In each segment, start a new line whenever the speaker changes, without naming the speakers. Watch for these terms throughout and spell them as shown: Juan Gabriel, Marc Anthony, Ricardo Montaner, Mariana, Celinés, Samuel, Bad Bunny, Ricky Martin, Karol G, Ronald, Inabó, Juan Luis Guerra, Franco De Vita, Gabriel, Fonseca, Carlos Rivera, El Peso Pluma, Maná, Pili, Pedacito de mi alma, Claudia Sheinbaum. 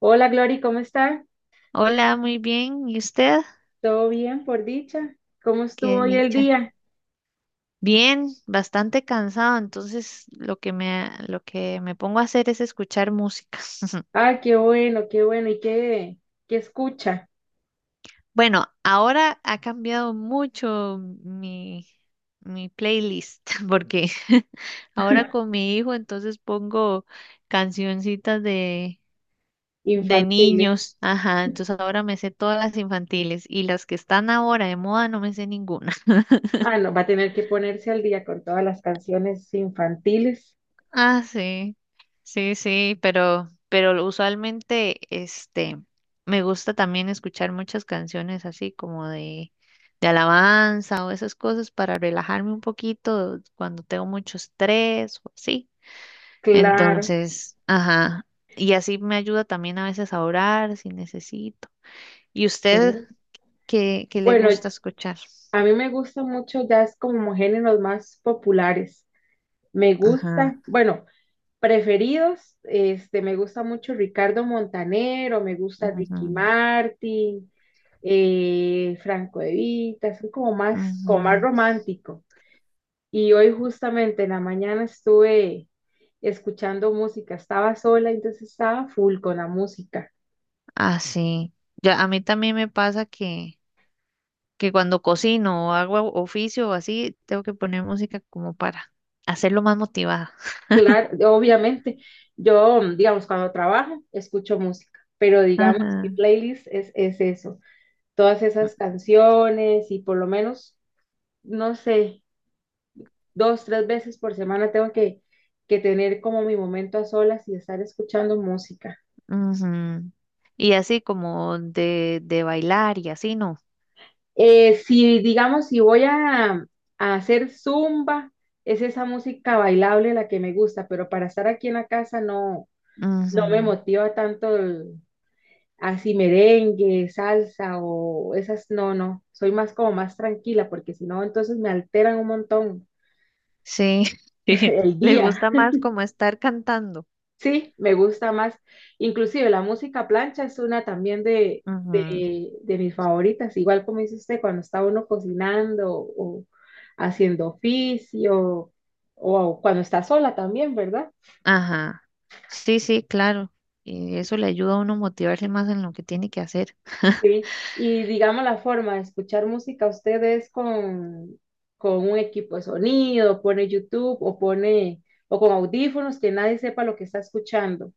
Hola Glory, ¿cómo está?
Hola, muy bien. ¿Y usted?
¿Todo bien por dicha? ¿Cómo estuvo
Qué
hoy el
dicha.
día?
Bien, bastante cansado, entonces lo que me pongo a hacer es escuchar música.
Ah, qué bueno, qué bueno. ¿Y qué escucha?
Bueno, ahora ha cambiado mucho mi, mi playlist, porque ahora con mi hijo entonces pongo cancioncitas de
Infantiles.
niños. Ajá, entonces ahora me sé todas las infantiles y las que están ahora de moda no me sé ninguna.
Ah, no, va a tener que ponerse al día con todas las canciones infantiles.
Ah, sí, sí, sí, pero usualmente, me gusta también escuchar muchas canciones así como de alabanza o esas cosas para relajarme un poquito cuando tengo mucho estrés o así.
Claro,
Entonces, ajá, y así me ayuda también a veces a orar si necesito. ¿Y usted
claro.
qué le
Bueno,
gusta escuchar?
a mí me gusta mucho jazz como géneros más populares. Me gusta,
Ajá,
bueno, preferidos, me gusta mucho Ricardo Montanero, me gusta
ajá,
Ricky Martin, Franco De Vita, son como más
ajá.
romántico. Y hoy justamente en la mañana estuve escuchando música, estaba sola, entonces estaba full con la música.
Ah, sí. Ya a mí también me pasa que cuando cocino o hago oficio o así, tengo que poner música como para hacerlo más motivada.
Claro, obviamente, yo, digamos, cuando trabajo, escucho música, pero digamos, mi
Ajá.
playlist es eso, todas esas canciones y por lo menos, no sé, dos, tres veces por semana tengo que tener como mi momento a solas y estar escuchando música.
Ujú. Y así como de bailar y así, ¿no?
Si, digamos, si voy a hacer zumba, es esa música bailable la que me gusta, pero para estar aquí en la casa no, no me
Ujú.
motiva tanto así merengue, salsa o esas, no, no, soy más como más tranquila porque si no, entonces me alteran un montón
Sí, sí.
el
Le
día.
gusta más como estar cantando.
Sí, me gusta más. Inclusive la música plancha es una también de,
Ujú.
de, de mis favoritas, igual como dice usted, cuando está uno cocinando o haciendo oficio o cuando está sola también, ¿verdad?
Ajá. Sí, sí, claro. Y eso le ayuda a uno motivarse más en lo que tiene que hacer.
Sí. Y digamos la forma de escuchar música, usted es con un equipo de sonido, pone YouTube o pone o con audífonos que nadie sepa lo que está escuchando.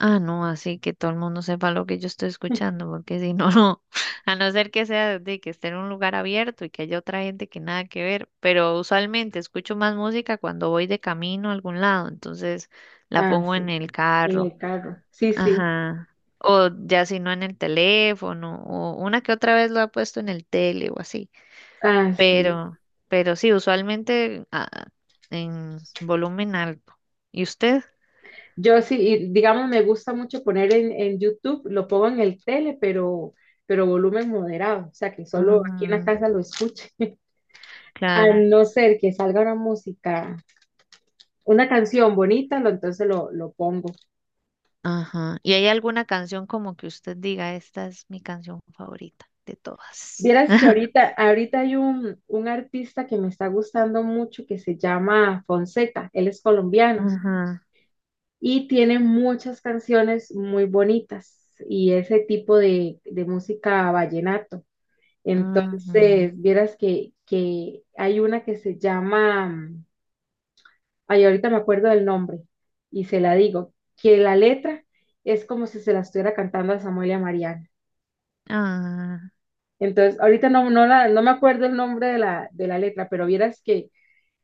Ah, no, así que todo el mundo sepa lo que yo estoy escuchando, porque si no, no, a no ser que sea de que esté en un lugar abierto y que haya otra gente que nada que ver, pero usualmente escucho más música cuando voy de camino a algún lado, entonces la
Ah,
pongo en
sí,
el
en
carro,
el carro. Sí, sí.
ajá, o ya si no en el teléfono, o una que otra vez lo ha puesto en el tele o así,
Ah, sí.
pero, pero sí, usualmente en volumen alto. ¿Y usted?
Yo sí, y digamos, me gusta mucho poner en YouTube, lo pongo en el tele, pero volumen moderado, o sea, que solo aquí en la
Ujú,
casa lo escuche. A
claro.
no ser que salga una música, una canción bonita, entonces lo pongo.
Ajá. ¿Y hay alguna canción como que usted diga, esta es mi canción favorita de todas?
Vieras que ahorita hay un artista que me está gustando mucho que se llama Fonseca, él es colombiano
Ajá.
y tiene muchas canciones muy bonitas y ese tipo de música vallenato.
Ajá.
Entonces, vieras que hay una que se llama, ay, ahorita me acuerdo del nombre y se la digo, que la letra es como si se la estuviera cantando a Samuel y a Mariana.
Ah,
Entonces, ahorita no, no, no me acuerdo el nombre de la letra, pero vieras que,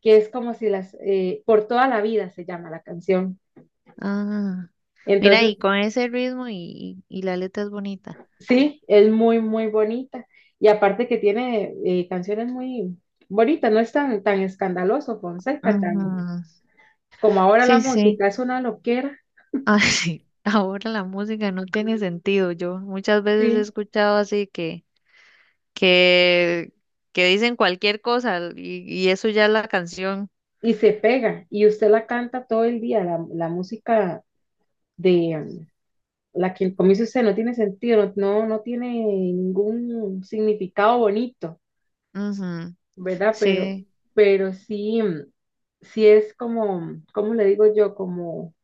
que es como si por toda la vida se llama la canción.
ah. Mira,
Entonces,
y con ese ritmo y la letra es bonita.
sí, es muy, muy bonita. Y aparte que tiene canciones muy bonitas, no es tan, tan escandaloso, Fonseca, tan
Ajá.
Como ahora la
Sí, sí.
música es una loquera.
Ah, sí. Ahora la música no tiene sentido. Yo muchas veces he
Sí,
escuchado así que, que dicen cualquier cosa y eso ya es la canción.
y se pega, y usted la canta todo el día, la música de la que, como dice usted, no tiene sentido, no, no, no tiene ningún significado bonito,
Ujú.
¿verdad? Pero,
Sí.
pero sí, sí es como, ¿cómo le digo yo? Como,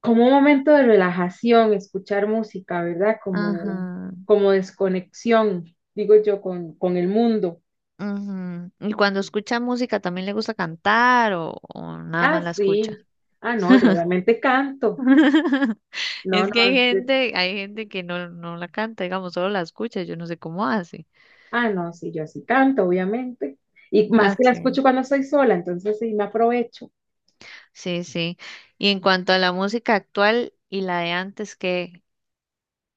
como un momento de relajación, escuchar música, ¿verdad? Como,
Ajá.
como desconexión, digo yo, con el mundo.
Ujú. Y cuando escucha música, ¿también le gusta cantar o nada
Ah,
más la escucha?
sí. Ah, no, yo obviamente canto. No,
Es
no,
que
sí.
hay gente que no, no la canta, digamos, solo la escucha, yo no sé cómo hace.
Ah, no, sí, yo así tanto, obviamente. Y más
Ah,
que la escucho
sí.
cuando estoy sola, entonces sí me aprovecho.
Sí, sí. Y en cuanto a la música actual y la de antes, ¿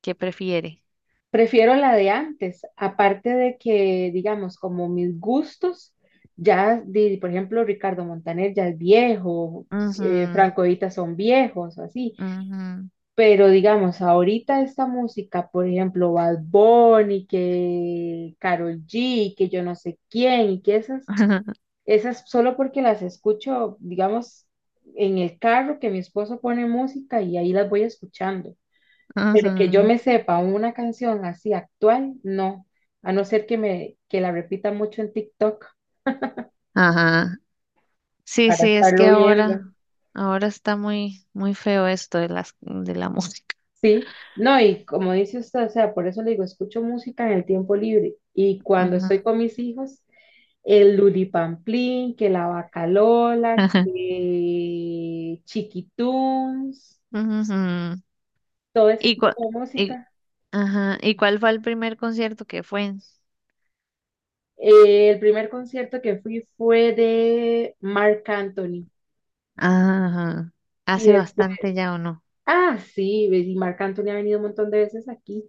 qué prefiere?
Prefiero la de antes, aparte de que, digamos, como mis gustos, ya, por ejemplo, Ricardo Montaner ya es viejo, Franco Evita son viejos, así.
Ujú, ujú,
Pero digamos, ahorita esta música, por ejemplo, Bad Bunny, que Karol G, que yo no sé quién, y que esas Esas solo porque las escucho, digamos, en el carro que mi esposo pone música y ahí las voy escuchando. Pero que yo
ujú.
me sepa una canción así actual, no, a no ser que la repita mucho en TikTok
Ajá. Sí,
para
sí, es que
estarlo viendo.
ahora está muy, muy feo esto de de la música.
Sí, no, y como dice usted, o sea, por eso le digo, escucho música en el tiempo libre y cuando
Ujú.
estoy con mis hijos, el Luripamplín, que la Bacalola, que Chiquitunes,
Ujú.
todo ese
¿Y, cua-
tipo de
y,
música.
ajá, ¿y cuál fue el primer concierto que fue?
El primer concierto que fui fue de Marc Anthony.
Ajá.
Y
Hace
después,
bastante ya o no.
ah, sí, ves, y Marc Anthony ha venido un montón de veces aquí.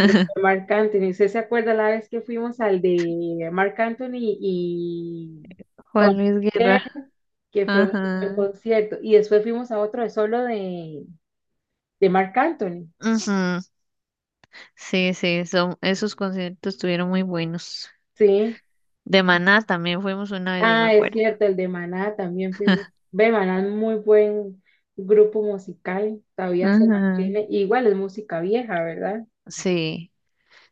Pero fue Marc Anthony, ¿usted se acuerda la vez que fuimos al de Marc Anthony y
Juan
Juan
Luis
Gabriel,
Guerra.
que fue un buen
Ajá.
concierto? Y después fuimos a otro de solo de Marc Anthony.
Ujú. Sí, sí, son, esos conciertos estuvieron muy buenos.
Sí.
De Maná también fuimos una vez, yo me
Ah, es
acuerdo.
cierto, el de Maná también fue, ve, Maná es muy buen grupo musical, todavía se
Ajá.
mantiene, igual es música vieja, ¿verdad?
Sí.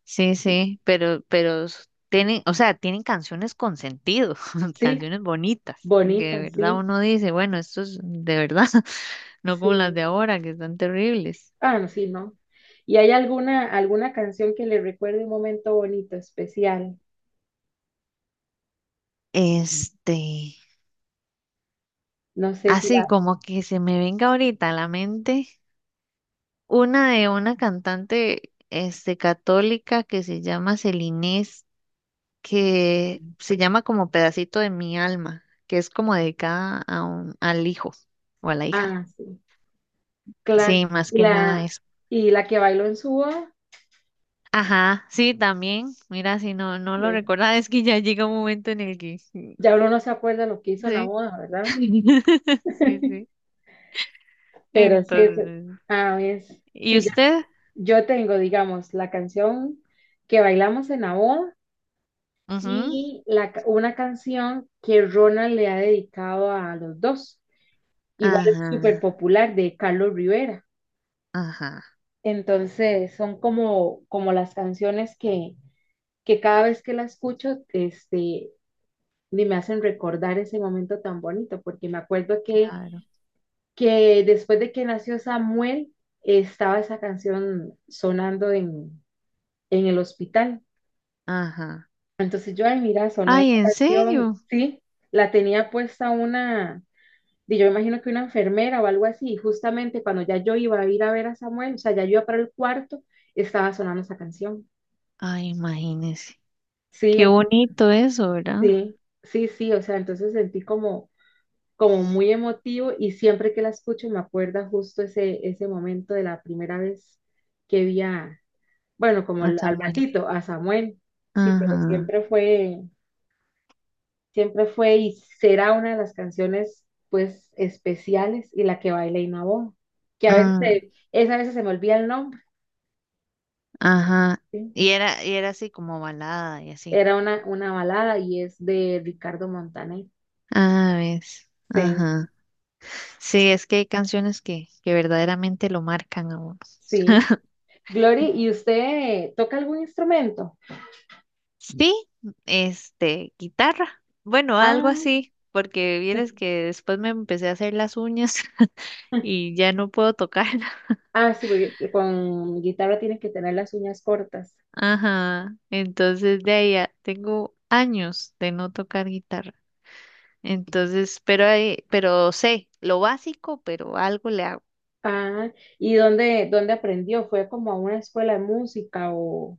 Sí, sí, tienen, o sea, tienen canciones con sentido,
Sí,
canciones bonitas, que de
bonita,
verdad
sí,
uno dice, bueno, esto es de verdad, no como las
sí,
de ahora, que están terribles.
ah, no, sí, no. ¿Y hay alguna canción que le recuerde un momento bonito, especial?
Este,
No sé si
Así como que se me venga ahorita a la mente una de una cantante, católica que se llama Celinés, que se llama como Pedacito de mi alma, que es como dedicada a un, al hijo o a la hija.
ah, sí, claro,
Sí, más
y
que nada
la,
eso.
y la que bailó en su boda,
Ajá, sí, también. Mira, si no, no lo
eh,
recordaba, es que ya llega un momento en el que... mm,
ya uno no se acuerda lo que hizo en la
Sí.
boda, ¿verdad?
Sí, sí.
Pero sí,
Entonces.
a ver,
¿Y
sí,
usted?
yo tengo, digamos, la canción que bailamos en la boda
Ujú.
y una canción que Ronald le ha dedicado a los dos. Igual es súper
Ajá,
popular de Carlos Rivera.
ajá,
Entonces, son como las canciones que cada vez que la escucho, ni me hacen recordar ese momento tan bonito, porque me acuerdo que,
claro,
que después de que nació Samuel, estaba esa canción sonando en el hospital.
ajá.
Entonces yo, ay, mira, sonó
Ay,
esta
¿en
canción,
serio?
sí, la tenía puesta una, y yo imagino que una enfermera o algo así, y justamente cuando ya yo iba a ir a ver a Samuel, o sea, ya yo iba para el cuarto, estaba sonando esa canción.
Ay, imagínese.
Sí,
Qué bonito eso, ¿verdad?
sí, sí, sí, o sea, entonces sentí como muy emotivo y siempre que la escucho me acuerda justo ese momento de la primera vez que vi bueno, como
A
al
Samuel.
gatito, a Samuel, sí, pero
Ajá,
siempre fue... Siempre fue y será una de las canciones, pues, especiales y la que baila Inabó, que a veces,
mm,
esa a veces se me olvida el nombre,
ajá.
¿sí?
Y era así como balada y así.
Era una balada y es de Ricardo Montaner.
Ah, ves.
Sí,
Ajá. Sí, es que hay canciones que verdaderamente lo marcan a uno.
sí. Glory, ¿y usted toca algún instrumento?
Sí, guitarra. Bueno, algo
Ah,
así, porque vienes que después me empecé a hacer las uñas y ya no puedo tocarla.
ah, sí, porque con guitarra tiene que tener las uñas cortas.
Ajá, tengo años de no tocar guitarra. Pero sé lo básico, pero algo le hago.
Ah, ¿y dónde aprendió? ¿Fue como a una escuela de música o...?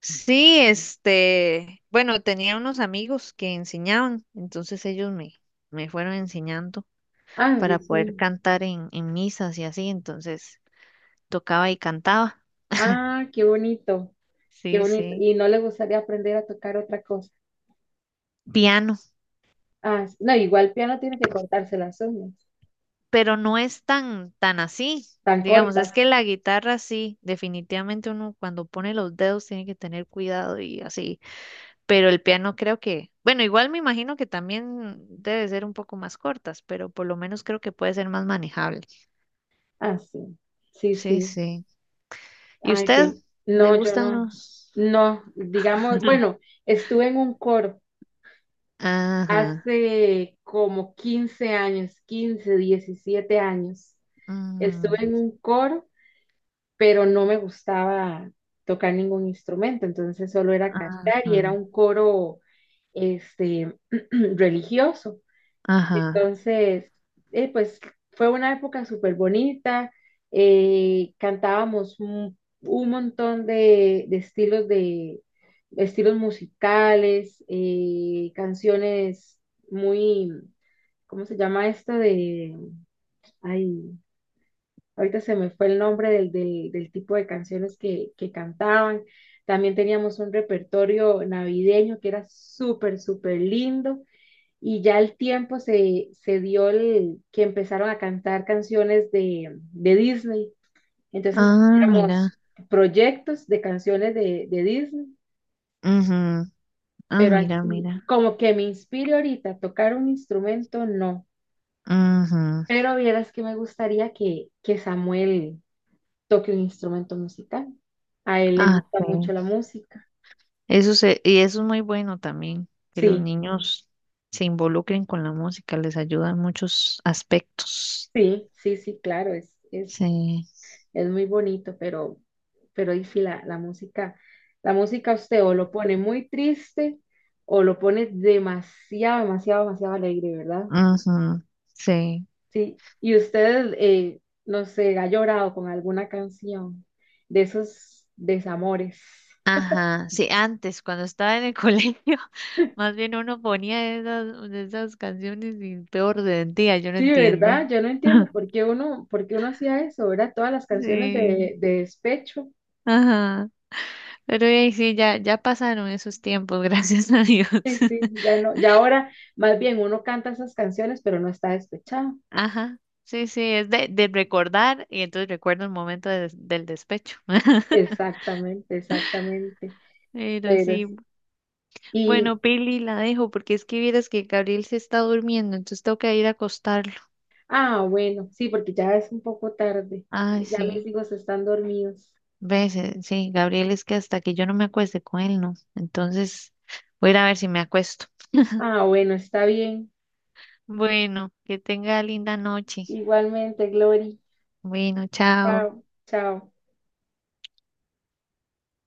Sí, bueno, tenía unos amigos que enseñaban, entonces me fueron enseñando.
Ah, sí,
Para poder
sí.
cantar en misas y así, entonces tocaba y cantaba.
Ah, qué bonito. Qué
Sí,
bonito.
sí.
Y no le gustaría aprender a tocar otra cosa.
Piano,
Ah, sí. No, igual piano tiene que cortarse las uñas,
pero no es tan así.
tan
Digamos, es
cortas.
que la guitarra sí, definitivamente uno cuando pone los dedos tiene que tener cuidado y así, pero el piano creo que, bueno, igual me imagino que también debe ser un poco más cortas, pero por lo menos creo que puede ser más manejable.
Ah, sí. Sí,
Sí,
sí.
sí. ¿Y
Ay,
usted?
que
¿Le
no, yo
gustan
no.
los?
No, digamos, bueno, estuve en un coro
Ajá.
hace como 15 años, 15, 17 años.
Ajá. Mm,
Estuve en un coro, pero no me gustaba tocar ningún instrumento, entonces solo era cantar
ajá.
y era un coro este religioso.
Ajá.
Entonces, pues fue una época súper bonita, cantábamos un montón de estilos de estilos musicales, canciones muy, ¿cómo se llama esto? Ay, ahorita se me fue el nombre del tipo de canciones que cantaban. También teníamos un repertorio navideño que era súper, súper lindo. Y ya el tiempo se dio que empezaron a cantar canciones de Disney. Entonces
Ah,
hacíamos
mira.
proyectos de canciones de Disney,
Ujú. Ah,
pero
mira,
así,
mira.
como que me inspire ahorita a tocar un instrumento, no.
Ujú.
Pero vieras que me gustaría que Samuel toque un instrumento musical. A él le
Ah,
gusta
sí.
mucho la música.
Eso se, y eso es muy bueno también, que los
Sí,
niños se involucren con la música, les ayuda en muchos aspectos.
sí, sí, sí, claro, es, es
Sí.
es muy bonito, pero y sí, la música usted o lo pone muy triste o lo pone demasiado, demasiado, demasiado alegre, ¿verdad?
Ujú. Sí.
Sí. Y usted, no sé, ha llorado con alguna canción de esos desamores.
Ajá. Sí, antes, cuando estaba en el colegio, más bien uno ponía esas canciones y peor de día, yo no
Sí,
entiendo.
¿verdad? Yo no entiendo por qué uno hacía eso, ¿verdad? Todas las canciones
Sí.
de despecho.
Ajá. Pero sí, ya pasaron esos tiempos, gracias a Dios.
Sí, sí, ya no, ya ahora más bien uno canta esas canciones, pero no está despechado.
Ajá, sí, sí, es de recordar y entonces recuerdo el momento de del despecho.
Exactamente, exactamente.
Pero
Pero
sí,
sí. Y,
bueno, Pili la dejo porque es que vieras que Gabriel se está durmiendo, entonces tengo que ir a acostarlo.
ah, bueno, sí, porque ya es un poco tarde.
Ay,
Ya mis
sí,
hijos están dormidos.
ves, sí, Gabriel es que hasta que yo no me acueste con él, no. Entonces voy a ir a ver si me acuesto.
Ah, bueno, está bien.
Bueno, que tenga linda noche.
Igualmente, Glory.
Bueno, chao.
Chao, chao.